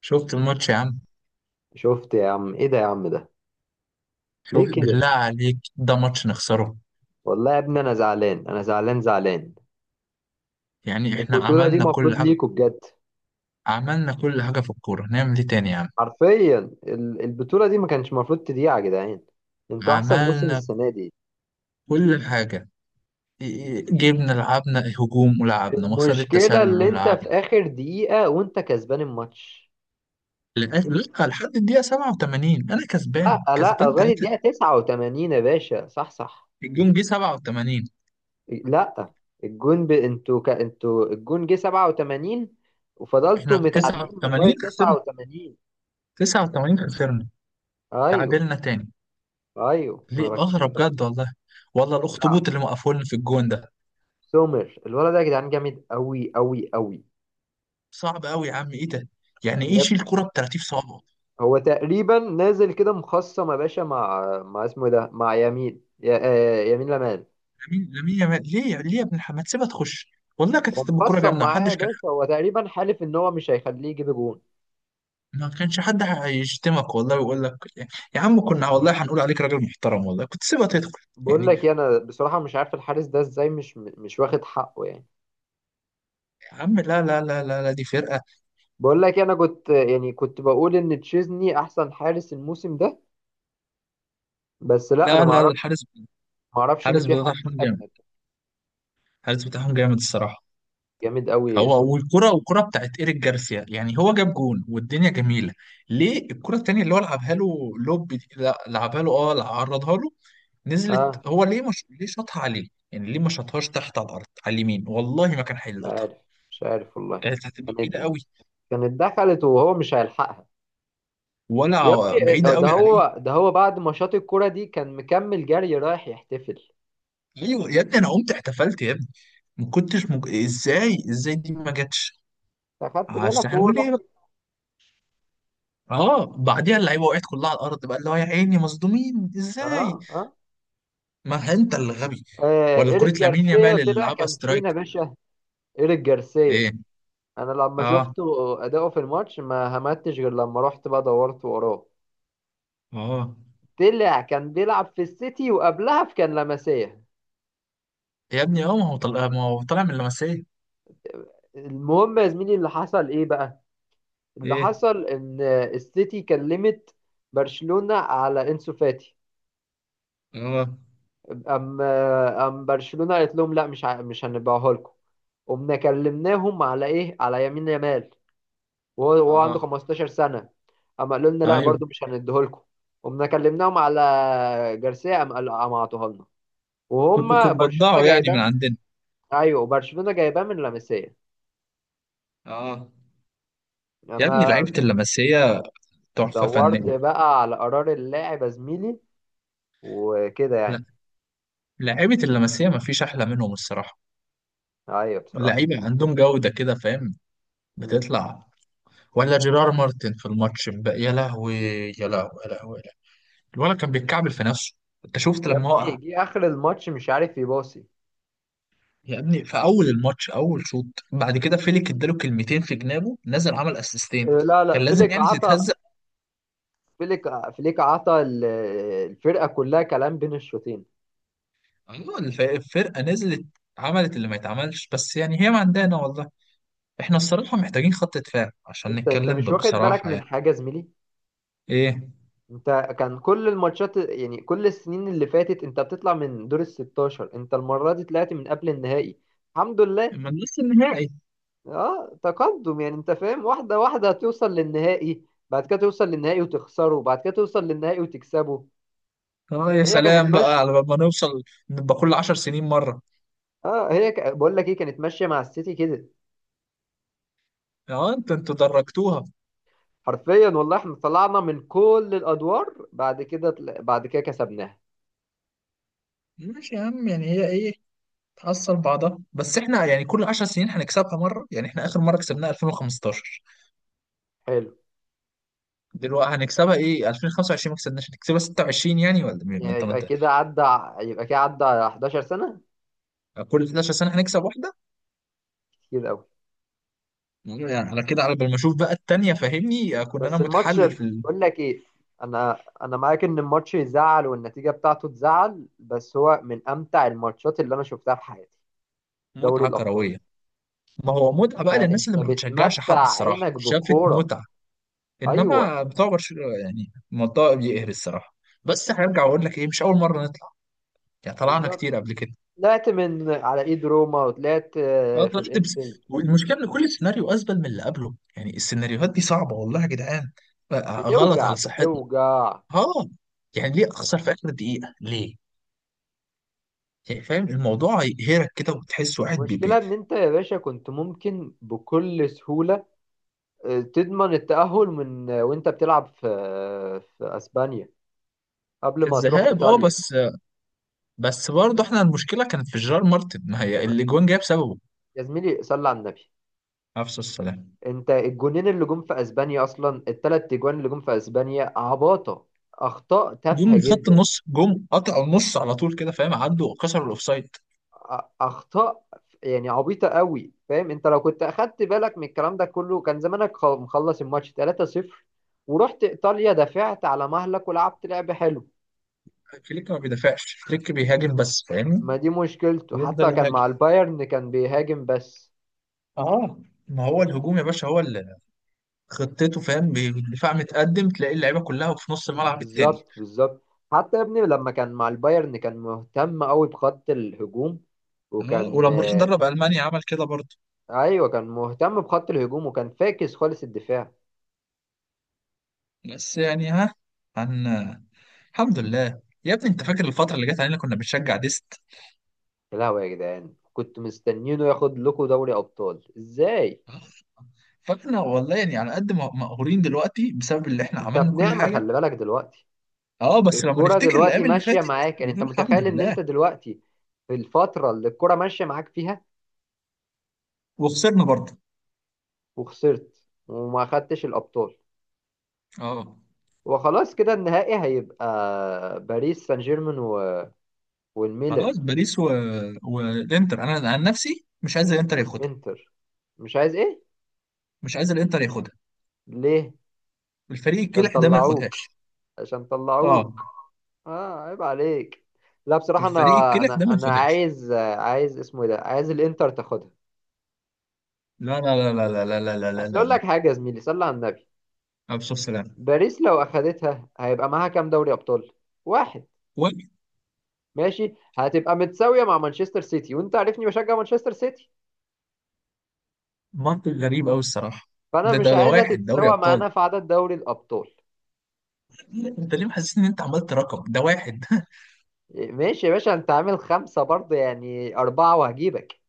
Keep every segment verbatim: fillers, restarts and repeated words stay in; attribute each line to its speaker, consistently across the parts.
Speaker 1: شفت الماتش يا عم؟
Speaker 2: شفت يا عم، ايه ده يا عم ده؟
Speaker 1: شوف
Speaker 2: ليه كده؟
Speaker 1: بالله عليك، ده ماتش نخسره؟
Speaker 2: والله يا ابني انا زعلان، انا زعلان زعلان.
Speaker 1: يعني احنا
Speaker 2: البطوله دي
Speaker 1: عملنا كل
Speaker 2: مفروض
Speaker 1: حاجة.
Speaker 2: ليكوا بجد.
Speaker 1: عملنا كل حاجة في الكورة، نعمل ايه تاني يا عم؟
Speaker 2: حرفيا. ال- البطوله دي ما كانش مفروض تضيع يا جدعان. انتوا احسن موسم
Speaker 1: عملنا
Speaker 2: السنه دي.
Speaker 1: كل حاجة. إيه- إيه، جبنا، لعبنا هجوم ولعبنا مصيدة
Speaker 2: المشكله
Speaker 1: التسلل
Speaker 2: اللي انت في
Speaker 1: ولعبنا
Speaker 2: اخر دقيقه وانت كسبان الماتش.
Speaker 1: لغاية... لأ، لحد الدقيقة سبعة وثمانين أنا كسبان
Speaker 2: لا لا،
Speaker 1: كسبان
Speaker 2: لغايه
Speaker 1: ثلاثة.
Speaker 2: الدقيقه تسعة وثمانين يا باشا، صح صح.
Speaker 1: الجون جه سبعة وثمانين.
Speaker 2: لا، الجون ب... انتوا ك... انتوا الجون جه سبعة وثمانين وفضلتوا
Speaker 1: احنا
Speaker 2: متعادلين لغايه
Speaker 1: تسعة وثمانين خسرنا،
Speaker 2: تسعة وثمانين.
Speaker 1: تسعة وثمانين خسرنا،
Speaker 2: ايوه.
Speaker 1: تعادلنا تاني.
Speaker 2: ايوه، ما انا
Speaker 1: ليه؟ أغرب
Speaker 2: بكلمك.
Speaker 1: بجد والله. والله
Speaker 2: لا،
Speaker 1: الأخطبوط اللي موقفولنا في الجون ده
Speaker 2: سومر الولد ده يا جدعان جامد قوي قوي قوي.
Speaker 1: صعب قوي يا عم، ايه ده؟ يعني ايه
Speaker 2: يب.
Speaker 1: يشيل كرة ب تلاتين صوابعه؟
Speaker 2: هو تقريبا نازل كده مخصم يا باشا، مع مع اسمه إيه ده، مع يمين يا... آه، يمين لمال.
Speaker 1: لامين، لامين يامال، ليه يا- ليه يا ابن الحمام ما تسيبها تخش؟ والله كانت
Speaker 2: هو
Speaker 1: هتبقى كرة
Speaker 2: مخصم
Speaker 1: جامدة،
Speaker 2: معاه يا
Speaker 1: محدش كان...
Speaker 2: باشا، هو تقريبا حالف ان هو مش هيخليه يجيب جون.
Speaker 1: ما كانش حد هيشتمك والله ويقول لك يا عم، كنا والله هنقول عليك راجل محترم والله، كنت سيبها تدخل.
Speaker 2: بقول
Speaker 1: يعني
Speaker 2: لك إيه، انا بصراحه مش عارف الحارس ده ازاي مش مش واخد حقه يعني.
Speaker 1: يا عم لا لا لا لا لا، دي فرقة.
Speaker 2: بقول لك إيه، انا كنت يعني كنت بقول ان تشيزني احسن حارس الموسم ده، بس لا انا
Speaker 1: لا
Speaker 2: ما
Speaker 1: لا،
Speaker 2: اعرفش،
Speaker 1: الحارس
Speaker 2: ما اعرفش ان
Speaker 1: الحارس
Speaker 2: في حارس
Speaker 1: بتاعهم جامد.
Speaker 2: اجمد.
Speaker 1: الحارس بتاعهم جامد الصراحة.
Speaker 2: جامد قوي
Speaker 1: هو
Speaker 2: سومر.
Speaker 1: والكرة، والكرة بتاعت إيريك جارسيا، يعني هو جاب جون والدنيا جميلة. ليه الكرة التانية اللي هو لعبها له لوب دي، لا، لعبها له، اه، عرضها له،
Speaker 2: اه
Speaker 1: نزلت، هو ليه مش ليه شاطها عليه؟ يعني ليه ما شاطهاش تحت على الأرض على اليمين، والله ما كان
Speaker 2: مش
Speaker 1: هيلقطها.
Speaker 2: عارف، مش عارف والله.
Speaker 1: كانت هتبقى
Speaker 2: يعني
Speaker 1: بعيدة قوي.
Speaker 2: كانت دخلت وهو مش هيلحقها.
Speaker 1: ولا
Speaker 2: يا
Speaker 1: ع-
Speaker 2: ابني
Speaker 1: بعيدة
Speaker 2: آه، ده
Speaker 1: قوي عليه.
Speaker 2: هو، ده هو بعد ماتشات الكرة دي كان مكمل جري رايح يحتفل.
Speaker 1: ليه يا ابني؟ أنا قمت احتفلت يا ابني. ما كنتش مج... إزاي، إزاي دي ما جاتش؟
Speaker 2: أخدت
Speaker 1: عشان
Speaker 2: بالك وهو
Speaker 1: هنقول
Speaker 2: راح؟
Speaker 1: ايه بقى؟ اه، بعديها اللعيبه وقعت كلها على الارض بقى، اللي هو يا عيني مصدومين ازاي؟
Speaker 2: آه آه.
Speaker 1: ما انت اللي غبي.
Speaker 2: آه،
Speaker 1: ولا كرة
Speaker 2: إيريك
Speaker 1: لامين
Speaker 2: جارسيا
Speaker 1: يامال اللي
Speaker 2: طلع
Speaker 1: لعبها
Speaker 2: كان فينا يا
Speaker 1: سترايك.
Speaker 2: باشا. إيريك جارسيا،
Speaker 1: ايه؟
Speaker 2: أنا لما
Speaker 1: اه.
Speaker 2: شفته أداؤه في الماتش ما همتش، غير لما رحت بقى دورت وراه،
Speaker 1: اه
Speaker 2: طلع كان بيلعب في السيتي وقبلها في كان لمسية.
Speaker 1: يا ابني اه، ما هو طلع، ما هو طالع من لمسيه.
Speaker 2: المهم يا زميلي، اللي حصل إيه بقى؟ اللي
Speaker 1: ايه؟
Speaker 2: حصل إن السيتي كلمت برشلونة على إنسو فاتي.
Speaker 1: اه.
Speaker 2: أم أم برشلونة قالت لهم لا، مش ع- مش هنبيعها لكم. قمنا كلمناهم على إيه، على يمين يامال، وهو وهو عنده
Speaker 1: اه.
Speaker 2: خمستاشر سنة. أما قالوا لنا لا
Speaker 1: ايوه،
Speaker 2: برضو، مش هنديه لكم. قمنا كلمناهم على جارسيا. أم قالوا أم عطوها لنا، وهم
Speaker 1: كنتوا
Speaker 2: برشلونة
Speaker 1: بتتبضعوا يعني من
Speaker 2: جايبان.
Speaker 1: عندنا.
Speaker 2: أيوه برشلونة جايبان من لاماسيا.
Speaker 1: اه. يا ابني
Speaker 2: أنا
Speaker 1: لعيبة اللمسية تحفة
Speaker 2: دورت
Speaker 1: فنية.
Speaker 2: بقى على قرار اللاعب يا زميلي، وكده يعني.
Speaker 1: لا، لعيبة اللمسية ما فيش أحلى منهم الصراحة.
Speaker 2: أيوه بصراحة.
Speaker 1: اللعيبة عندهم جودة كده، فاهم.
Speaker 2: مم.
Speaker 1: بتطلع... ولا جيرار مارتن في الماتش امبارح، يا لهوي، يا لهوي، يا لهوي، يا لهوي. الولد كان بيتكعبل في نفسه. انت شفت
Speaker 2: يا
Speaker 1: لما
Speaker 2: ابني
Speaker 1: هو...
Speaker 2: جه آخر الماتش مش عارف يباصي.
Speaker 1: يا ابني في اول الماتش، اول شوط، بعد كده فيليك اداله كلمتين في جنابه، نزل عمل اسيستين.
Speaker 2: لا لا،
Speaker 1: كان لازم
Speaker 2: فليك
Speaker 1: يعني
Speaker 2: عطى،
Speaker 1: تتهزق.
Speaker 2: فليك، فليك عطى ال- الفرقه كلها كلام بين الشوطين.
Speaker 1: ايوه، الف- الفرقه نزلت، عملت اللي ما يتعملش، بس يعني هي ما عندنا والله. احنا الصراحه محتاجين خط دفاع عشان
Speaker 2: انت انت
Speaker 1: نتكلم
Speaker 2: مش
Speaker 1: ب-
Speaker 2: واخد بالك
Speaker 1: بصراحه
Speaker 2: من
Speaker 1: يعني.
Speaker 2: حاجه يا زميلي.
Speaker 1: ايه؟
Speaker 2: انت كان كل الماتشات، يعني كل السنين اللي فاتت انت بتطلع من دور ال ستاشر، انت المره دي طلعت من قبل النهائي. الحمد لله.
Speaker 1: ما لسه النهائي.
Speaker 2: اه تقدم يعني، انت فاهم، واحده واحده هتوصل للنهائي، بعد كده توصل للنهائي وتخسره، وبعد كده توصل للنهائي وتكسبه.
Speaker 1: اه يا
Speaker 2: هي كانت
Speaker 1: سلام بقى
Speaker 2: ماشيه.
Speaker 1: على ما نوصل. نبقى كل عشر سنين مره.
Speaker 2: اه هي ك... بقول لك ايه، كانت ماشيه مع السيتي كده.
Speaker 1: اه انت انتوا درجتوها.
Speaker 2: حرفيا والله احنا طلعنا من كل الادوار، بعد كده طل- بعد كده كسبناها.
Speaker 1: ماشي يا عم، يعني هي ايه، تحصل بعضها. بس احنا يعني كل عشر سنين هنكسبها مره، يعني احنا اخر مره كسبناها ألفين وخمستاشر.
Speaker 2: حلو.
Speaker 1: دلوقتي هنكسبها ايه، ألفين وخمسة وعشرين ما كسبناش، هنكسبها ستة وعشرين يعني، ولا مين؟ ما
Speaker 2: يعني
Speaker 1: انت ما
Speaker 2: يبقى
Speaker 1: انت
Speaker 2: كده عدى، يبقى كده عدى حداشر سنه.
Speaker 1: كل حداشر سنه هنكسب واحده.
Speaker 2: كتير قوي.
Speaker 1: يعني على كده، على بال ما اشوف بقى التانيه، فاهمني. آه، كنا انا
Speaker 2: بس الماتش،
Speaker 1: متحلل في
Speaker 2: بقول لك ايه، انا انا معاك ان الماتش يزعل والنتيجه بتاعته تزعل، بس هو من امتع الماتشات اللي انا شفتها في حياتي. دوري
Speaker 1: المتعه
Speaker 2: الابطال.
Speaker 1: الكرويه. ما هو متعه بقى
Speaker 2: آه، انت
Speaker 1: للناس اللي ما بتشجعش حد،
Speaker 2: بتمتع
Speaker 1: الصراحه
Speaker 2: عينك
Speaker 1: شافت
Speaker 2: بكوره.
Speaker 1: متعه.
Speaker 2: ايوه
Speaker 1: انما بتوع برشلونه يعني الموضوع بيقهر الصراحه. بس هرجع اقول لك ايه، مش اول مره نطلع، يعني طلعنا
Speaker 2: بالظبط.
Speaker 1: كتير قبل كده.
Speaker 2: طلعت من على ايد روما، وطلعت
Speaker 1: اه
Speaker 2: آه، في
Speaker 1: طلعت بس.
Speaker 2: الانفيلد.
Speaker 1: والمشكله ان كل سيناريو ازبل من اللي قبله، يعني السيناريوهات دي صعبه والله يا جدعان. بقى غلط
Speaker 2: بتوجع
Speaker 1: على صحتنا.
Speaker 2: بتوجع.
Speaker 1: اه. يعني ليه اخسر في اخر دقيقه ليه؟ يعني فاهم الموضوع يقهرك كده، وتحس واحد بي
Speaker 2: المشكلة
Speaker 1: بي.
Speaker 2: إن أنت يا باشا كنت ممكن بكل سهولة آه، تضمن التأهل من آه، وأنت بتلعب في آه، في أسبانيا قبل
Speaker 1: في
Speaker 2: ما تروح
Speaker 1: الذهاب اه،
Speaker 2: إيطاليا.
Speaker 1: بس. بس برضه احنا المشكله كانت في جيرار مارتن، ما هي اللي جون جاب سببه.
Speaker 2: يا زميلي صلي على النبي.
Speaker 1: نفس السلام.
Speaker 2: أنت الجونين اللي جم في أسبانيا، أصلا التلات أجوان اللي جم في أسبانيا عباطة. أخطاء
Speaker 1: جم
Speaker 2: تافهة
Speaker 1: من خط
Speaker 2: جدا.
Speaker 1: النص، جم قطعوا النص على طول كده، فاهم، عدوا كسروا الاوفسايد.
Speaker 2: أ- أخطاء يعني عبيطة قوي، فاهم؟ أنت لو كنت أخدت بالك من الكلام ده كله، كان زمانك خ- مخلص الماتش ثلاثة صفر، ورحت إيطاليا دافعت على مهلك ولعبت لعب حلو.
Speaker 1: فليك ما بيدافعش، فليك بيهاجم بس فاهمني.
Speaker 2: ما دي مشكلته،
Speaker 1: يفضل
Speaker 2: حتى كان
Speaker 1: يهاجم.
Speaker 2: مع البايرن كان بيهاجم بس.
Speaker 1: اه، ما هو الهجوم يا باشا هو اللي خطته، فاهم، بي- الدفاع متقدم، تلاقي اللعيبه كلها في نص الملعب التاني.
Speaker 2: بالظبط بالظبط. حتى يا ابني لما كان مع البايرن كان مهتم قوي بخط الهجوم،
Speaker 1: اه،
Speaker 2: وكان
Speaker 1: ولما راح
Speaker 2: آه،
Speaker 1: درب المانيا عمل كده برضه.
Speaker 2: ايوه كان مهتم بخط الهجوم وكان فاكس خالص الدفاع.
Speaker 1: بس يعني، ها هن الحمد لله يا ابني. انت فاكر الفترة اللي جت علينا كنا بنشجع ديست؟
Speaker 2: يا لهوي يا جدعان، كنت مستنينه ياخد لكم دوري ابطال ازاي.
Speaker 1: فاحنا والله يعني على قد ما مقهورين دلوقتي بسبب اللي احنا
Speaker 2: انت
Speaker 1: عملنا
Speaker 2: في
Speaker 1: كل
Speaker 2: نعمة
Speaker 1: حاجة.
Speaker 2: خلي بالك دلوقتي.
Speaker 1: اه بس لما
Speaker 2: الكرة
Speaker 1: نفتكر
Speaker 2: دلوقتي
Speaker 1: الايام اللي
Speaker 2: ماشية
Speaker 1: فاتت
Speaker 2: معاك، يعني انت
Speaker 1: بنقول الحمد
Speaker 2: متخيل ان
Speaker 1: لله.
Speaker 2: انت دلوقتي في الفترة اللي الكرة ماشية معاك فيها،
Speaker 1: وخسرنا برضه.
Speaker 2: وخسرت وما خدتش الابطال.
Speaker 1: اه.
Speaker 2: وخلاص كده النهائي هيبقى باريس سان جيرمان و... والميلان.
Speaker 1: خلاص باريس و... والانتر، انا عن نفسي مش عايز الانتر ياخدها.
Speaker 2: والانتر. مش عايز ايه؟
Speaker 1: مش عايز الانتر ياخدها.
Speaker 2: ليه؟
Speaker 1: الفريق
Speaker 2: عشان
Speaker 1: الكلح ده ما
Speaker 2: طلعوك،
Speaker 1: ياخدهاش.
Speaker 2: عشان
Speaker 1: اه.
Speaker 2: طلعوك. اه عيب عليك. لا بصراحة
Speaker 1: الفريق
Speaker 2: انا
Speaker 1: الكلح ده
Speaker 2: انا
Speaker 1: ما
Speaker 2: انا
Speaker 1: ياخدهاش.
Speaker 2: عايز، عايز اسمه إيه ده، عايز الانتر تاخدها.
Speaker 1: لا لا لا لا لا لا لا لا لا
Speaker 2: اصل
Speaker 1: لا
Speaker 2: اقول لك
Speaker 1: لا.
Speaker 2: حاجة يا زميلي صلي على النبي.
Speaker 1: أبو سلام.
Speaker 2: باريس لو اخدتها هيبقى معاها كام دوري ابطال؟ واحد. ماشي هتبقى متساوية مع مانشستر سيتي، وانت عارفني بشجع مانشستر سيتي،
Speaker 1: منطق غريب قوي الصراحه.
Speaker 2: فانا
Speaker 1: ده
Speaker 2: مش
Speaker 1: ده ده
Speaker 2: عايزها
Speaker 1: واحد دوري
Speaker 2: تتساوى
Speaker 1: ابطال.
Speaker 2: معانا في عدد دوري الابطال.
Speaker 1: انت ليه محسس ان انت عملت رقم ده واحد؟
Speaker 2: ماشي يا باشا، انت عامل خمسة برضه، يعني أربعة وهجيبك.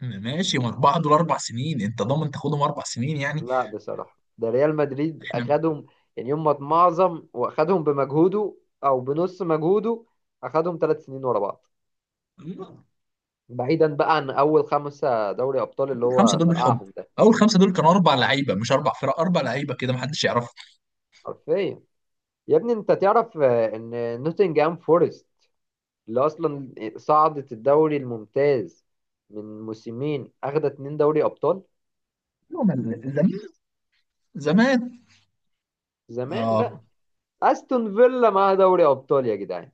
Speaker 1: ماشي، ما اربعه دول اربع سنين، انت ضامن تاخدهم اربع سنين يعني؟
Speaker 2: لا بصراحة ده ريال مدريد
Speaker 1: احنا.
Speaker 2: أخدهم، يعني هم معظم وأخدهم بمجهوده، أو بنص مجهوده، أخدهم ثلاث سنين ورا بعض، بعيدا بقى عن أول خمسة دوري أبطال اللي
Speaker 1: الخمسه
Speaker 2: هو
Speaker 1: دول بالحب.
Speaker 2: فقعهم ده.
Speaker 1: اول خمسه دول كانوا اربع لعيبه، مش اربع فرق، اربع لعيبه كده، ما حدش يعرفهم.
Speaker 2: حرفيا. يا ابني أنت تعرف آه، إن نوتنجهام فورست اللي أصلا صعدت الدوري الممتاز من موسمين أخدت اتنين دوري أبطال.
Speaker 1: هم ال- زمان. زمان.
Speaker 2: زمان بقى.
Speaker 1: اه.
Speaker 2: أستون فيلا معاها دوري أبطال يا جدعان.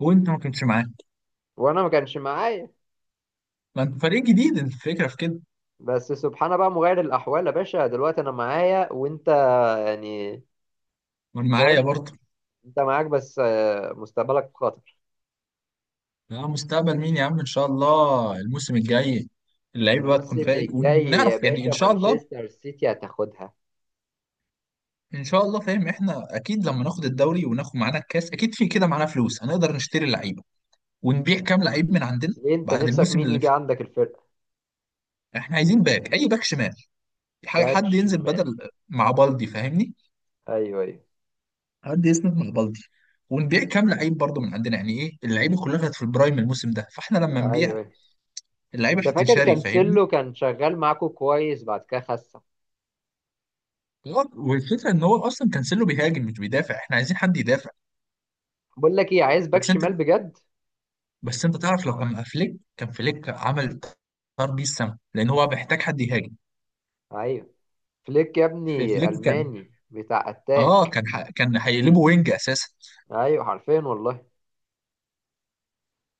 Speaker 1: وانت ما كنتش معاه.
Speaker 2: وانا ما كانش معايا.
Speaker 1: ما انت فريق جديد، انت الفكره في كده.
Speaker 2: بس سبحان بقى مغير الاحوال يا باشا، دلوقتي انا معايا وانت يعني
Speaker 1: وانا معايا
Speaker 2: فاهم،
Speaker 1: برضه.
Speaker 2: انت معاك بس آه، مستقبلك في خطر.
Speaker 1: يا مستقبل مين يا عم، ان شاء الله الموسم الجاي اللعيبه بقى تكون
Speaker 2: الموسم
Speaker 1: فائق،
Speaker 2: الجاي يا
Speaker 1: ونعرف يعني
Speaker 2: باشا
Speaker 1: ان شاء الله.
Speaker 2: مانشستر سيتي هتاخدها.
Speaker 1: ان شاء الله فاهم، احنا اكيد لما ناخد الدوري وناخد معانا الكاس اكيد في كده معانا فلوس، هنقدر نشتري لعيبه ونبيع كام لعيب من عندنا.
Speaker 2: ليه انت
Speaker 1: بعد
Speaker 2: نفسك
Speaker 1: الموسم
Speaker 2: مين
Speaker 1: اللي
Speaker 2: يجي
Speaker 1: فات،
Speaker 2: عندك الفرقه؟
Speaker 1: احنا عايزين باك، اي باك شمال، ح-
Speaker 2: باك
Speaker 1: حد ينزل
Speaker 2: شمال.
Speaker 1: بدل مع بالدي فاهمني.
Speaker 2: ايوه ايوه.
Speaker 1: حد يسند مع بالدي. ونبيع كام لعيب برضه من عندنا، يعني ايه، اللعيبه كلها كانت في البرايم الموسم ده، فاحنا لما
Speaker 2: ايوه
Speaker 1: نبيع
Speaker 2: ايوه.
Speaker 1: اللعيبه
Speaker 2: انت فاكر
Speaker 1: هتنشري فاهمني.
Speaker 2: كانسيلو كان شغال معاكو كويس بعد كده خسر.
Speaker 1: غلط. والفكره ان هو اصلا كانسيلو بيهاجم مش بيدافع، احنا عايزين حد يدافع.
Speaker 2: بقول لك ايه، عايز باك
Speaker 1: بس انت
Speaker 2: شمال بجد.
Speaker 1: بس انت تعرف لو كان مع فليك كان فليك عمل... طار بيه السما لان هو محتاج حد يهاجم.
Speaker 2: ايوه. فليك يا ابني
Speaker 1: فليك كان
Speaker 2: الماني بتاع
Speaker 1: اه
Speaker 2: اتاك.
Speaker 1: كان ح... كان هيقلبه وينج اساسا.
Speaker 2: ايوه حرفيا والله.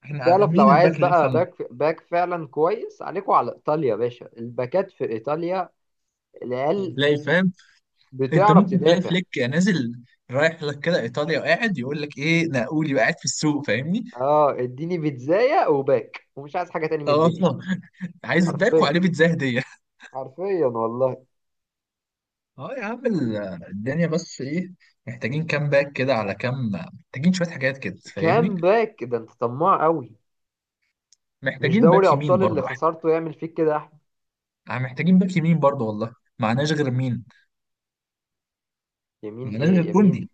Speaker 1: احنا ع-
Speaker 2: تعرف لو
Speaker 1: مين
Speaker 2: عايز
Speaker 1: الباك اللي
Speaker 2: بقى
Speaker 1: يفهم.
Speaker 2: باك باك فعلا كويس، عليكوا على ايطاليا يا باشا، الباكات في ايطاليا العيال
Speaker 1: تلاقي فاهم، انت
Speaker 2: بتعرف
Speaker 1: ممكن تلاقي
Speaker 2: تدافع.
Speaker 1: فليك نازل رايح لك كده ايطاليا، وقاعد يقول لك ايه نقولي وقاعد في السوق فاهمني.
Speaker 2: اه اديني بيتزاية وباك ومش عايز حاجة تاني من
Speaker 1: اه
Speaker 2: الدنيا.
Speaker 1: عايز باك
Speaker 2: حرفيا.
Speaker 1: وعليه بيتزا هديه.
Speaker 2: حرفيا والله.
Speaker 1: اه يا عم ال- الدنيا بس ايه، محتاجين كام باك كده، على كام، محتاجين شويه حاجات كده فاهمني.
Speaker 2: كام باك ده؟ انت طماع قوي. مش
Speaker 1: محتاجين
Speaker 2: دوري
Speaker 1: باك يمين
Speaker 2: ابطال اللي
Speaker 1: برضو.
Speaker 2: خسرته يعمل فيك كده يا احمد؟
Speaker 1: احنا محتاجين باك يمين برضه، والله معناش غير مين،
Speaker 2: يمين
Speaker 1: معناش
Speaker 2: ايه
Speaker 1: غير
Speaker 2: يمين؟
Speaker 1: كوندي.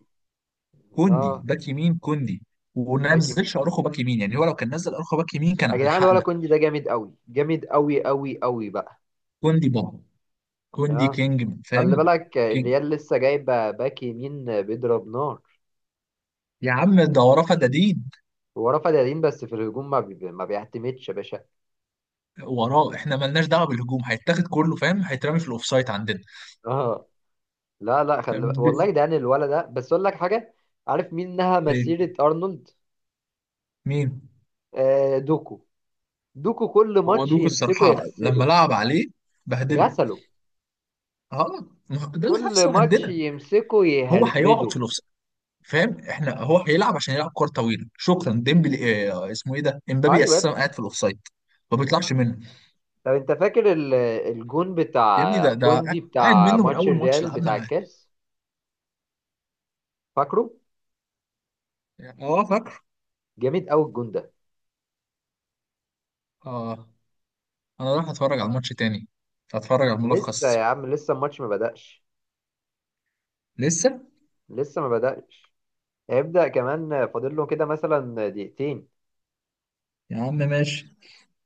Speaker 1: كوندي
Speaker 2: اه،
Speaker 1: باك يمين. كوندي. وما
Speaker 2: باك يمين
Speaker 1: نزلش اروخو باك يمين، يعني هو لو كان نزل اروخو باك يمين
Speaker 2: يا
Speaker 1: كان
Speaker 2: جدعان، ولا
Speaker 1: هيلحقنا.
Speaker 2: كوندي ده جامد قوي، جامد قوي قوي قوي بقى.
Speaker 1: كوندي بابا. كوندي
Speaker 2: اه.
Speaker 1: كينج
Speaker 2: خلي
Speaker 1: فاهم.
Speaker 2: بالك
Speaker 1: كينج.
Speaker 2: الريال لسه جايب باك يمين بيضرب نار.
Speaker 1: يا عم ده وراه فدادين.
Speaker 2: هو رفع ديالين بس في الهجوم، ما بي... ما بيعتمدش يا باشا.
Speaker 1: وراه احنا ملناش دعوه بالهجوم، هيتاخد كله فاهم، هيترمي في الاوفسايد عندنا.
Speaker 2: اه. لا لا خلي بالك.
Speaker 1: بس-
Speaker 2: والله ده يعني الولد ده، بس اقول لك حاجه. عارف مين نهى
Speaker 1: إيه،
Speaker 2: مسيره ارنولد؟
Speaker 1: مين؟
Speaker 2: آه دوكو. دوكو كل
Speaker 1: هو
Speaker 2: ماتش
Speaker 1: دوك
Speaker 2: يمسكه
Speaker 1: الصراحه لما
Speaker 2: يغسله.
Speaker 1: لعب عليه بهدله.
Speaker 2: غسله.
Speaker 1: اه، ما هو ده اللي
Speaker 2: كل
Speaker 1: حصل
Speaker 2: ماتش
Speaker 1: عندنا.
Speaker 2: يمسكه
Speaker 1: هو هيقعد
Speaker 2: يهربده.
Speaker 1: في... فاهم احنا، هو هيلعب عشان يلعب كرة طويلة، شكرا ديمبلي، اه اسمه ايه ده، امبابي
Speaker 2: ايوه يا
Speaker 1: اساسا
Speaker 2: ابني.
Speaker 1: قاعد في الاوفسايد، ما بيطلعش منه.
Speaker 2: طب انت فاكر ال- الجون
Speaker 1: يا ابني
Speaker 2: بتاع
Speaker 1: ده ده
Speaker 2: كوندي
Speaker 1: قاعد
Speaker 2: بتاع
Speaker 1: منه من
Speaker 2: ماتش
Speaker 1: اول ماتش
Speaker 2: الريال
Speaker 1: لعبنا
Speaker 2: بتاع
Speaker 1: معاه.
Speaker 2: الكاس؟ فاكره.
Speaker 1: اه فاكر.
Speaker 2: جامد قوي الجون ده.
Speaker 1: اه. انا رايح اتفرج على الماتش تاني، هتفرج على
Speaker 2: لسه يا
Speaker 1: الملخص.
Speaker 2: عم لسه الماتش ما بدأش.
Speaker 1: لسه
Speaker 2: لسه ما بدأش، هيبدأ كمان، فاضل له كده مثلا دقيقتين.
Speaker 1: يا عم، ماشي.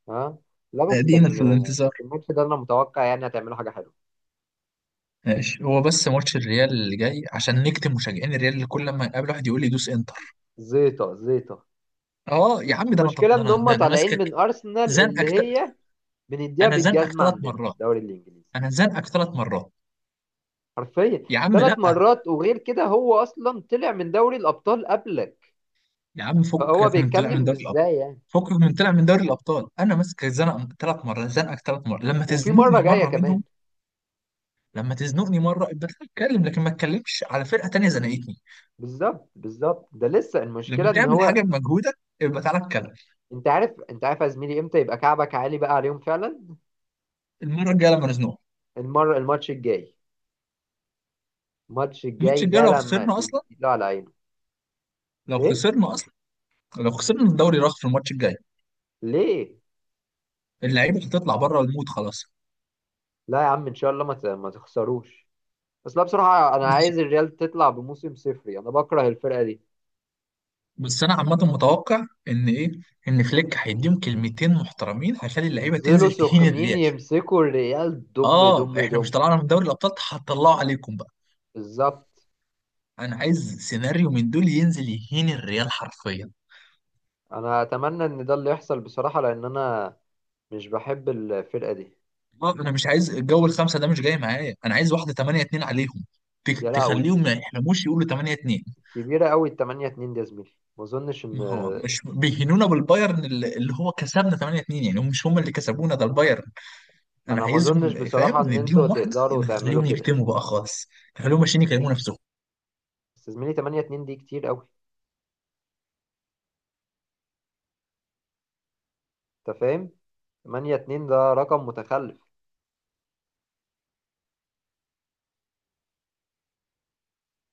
Speaker 2: ها. لا بس
Speaker 1: ادينا
Speaker 2: كان.
Speaker 1: في الانتظار.
Speaker 2: بس الماتش ده انا متوقع يعني هتعملوا حاجة حلوة.
Speaker 1: ماشي، هو بس ماتش الريال اللي جاي عشان نكتم مشجعين الريال اللي كل لما يقابل واحد يقول لي دوس انتر.
Speaker 2: زيطة زيطة.
Speaker 1: اه يا عم، ده انا
Speaker 2: المشكلة
Speaker 1: ده
Speaker 2: ان
Speaker 1: انا
Speaker 2: هم
Speaker 1: ده انا
Speaker 2: طالعين من
Speaker 1: ماسكك،
Speaker 2: ارسنال، اللي
Speaker 1: زنقك ت-
Speaker 2: هي بنديها
Speaker 1: انا زنقك
Speaker 2: بالجزمة
Speaker 1: ثلاث
Speaker 2: عندنا في
Speaker 1: مرات.
Speaker 2: الدوري الانجليزي.
Speaker 1: انا زنقك ثلاث مرات.
Speaker 2: حرفيا.
Speaker 1: يا عم
Speaker 2: ثلاث
Speaker 1: لا.
Speaker 2: مرات، وغير كده هو اصلا طلع من دوري الابطال قبلك،
Speaker 1: يا عم
Speaker 2: فهو
Speaker 1: فكك من طلع من
Speaker 2: بيتكلم
Speaker 1: دوري الابطال،
Speaker 2: بازاي يعني.
Speaker 1: فكك من طلع من دوري الابطال. انا ماسك الزنقه ثلاث مرات، زنقك ثلاث مرات، لما
Speaker 2: وفي مرة
Speaker 1: تزنقني
Speaker 2: جاية
Speaker 1: مره
Speaker 2: كمان.
Speaker 1: منهم، لما تزنقني مره ابقى تعالى اتكلم، لكن ما تتكلمش على فرقه تانيه زنقتني.
Speaker 2: بالظبط بالظبط. ده لسه
Speaker 1: لما
Speaker 2: المشكلة ان
Speaker 1: تعمل
Speaker 2: هو،
Speaker 1: حاجه بمجهودك ابقى تعالى اتكلم.
Speaker 2: انت عارف، انت عارف يا زميلي، امتى يبقى كعبك عالي بقى عليهم فعلا؟
Speaker 1: المره الجايه لما نزنقك.
Speaker 2: المرة، الماتش الجاي. الماتش
Speaker 1: الماتش
Speaker 2: الجاي
Speaker 1: الجاي
Speaker 2: ده
Speaker 1: لو
Speaker 2: لما
Speaker 1: خسرنا
Speaker 2: تديله
Speaker 1: اصلا،
Speaker 2: على عينه.
Speaker 1: لو
Speaker 2: ايه؟
Speaker 1: خسرنا اصلا، لو خسرنا الدوري راح في الماتش الجاي.
Speaker 2: ليه؟
Speaker 1: اللعيبه هتطلع بره المود خلاص.
Speaker 2: لا يا عم ان شاء الله ما ت- ما تخسروش. بس لا بصراحه انا
Speaker 1: بس
Speaker 2: عايز الريال تطلع بموسم صفري، انا بكره الفرقه دي.
Speaker 1: بس انا عامه متوقع ان ايه، ان فليك هيديهم كلمتين محترمين، هيخلي اللعيبه
Speaker 2: ينزلوا
Speaker 1: تنزل تهين
Speaker 2: سخنين
Speaker 1: الريال.
Speaker 2: يمسكوا الريال دم
Speaker 1: اه
Speaker 2: دم
Speaker 1: احنا مش
Speaker 2: دم.
Speaker 1: طلعنا من دوري الابطال؟ هتطلعوا عليكم بقى.
Speaker 2: بالظبط.
Speaker 1: انا عايز سيناريو من دول ينزل يهين الريال حرفيا.
Speaker 2: انا اتمنى ان ده اللي يحصل بصراحه، لان انا مش بحب الفرقه دي.
Speaker 1: آه، انا مش عايز الجو الخمسه ده، مش جاي معايا، انا عايز واحده تمانية اتنين عليهم،
Speaker 2: يا
Speaker 1: تك-
Speaker 2: لهوي،
Speaker 1: تخليهم ما يحلموش، يقولوا تمانية اتنين.
Speaker 2: كبيره قوي تمنية اتنين دي يا زميلي. ما اظنش ان
Speaker 1: ما هو مش بيهنونا بالبايرن اللي اللي هو كسبنا تمانية اتنين يعني، هم مش هم اللي كسبونا، ده البايرن. انا
Speaker 2: انا ما اظنش
Speaker 1: عايزهم فاهم
Speaker 2: بصراحه ان انتوا
Speaker 1: نديهم واحده
Speaker 2: تقدروا تعملوا
Speaker 1: نخليهم
Speaker 2: كده.
Speaker 1: يكتموا بقى خالص، نخليهم ماشيين يكلموا نفسهم.
Speaker 2: بس يا زميلي تمنية اتنين دي كتير قوي. انت فاهم، ثمانية اثنين ده رقم متخلف.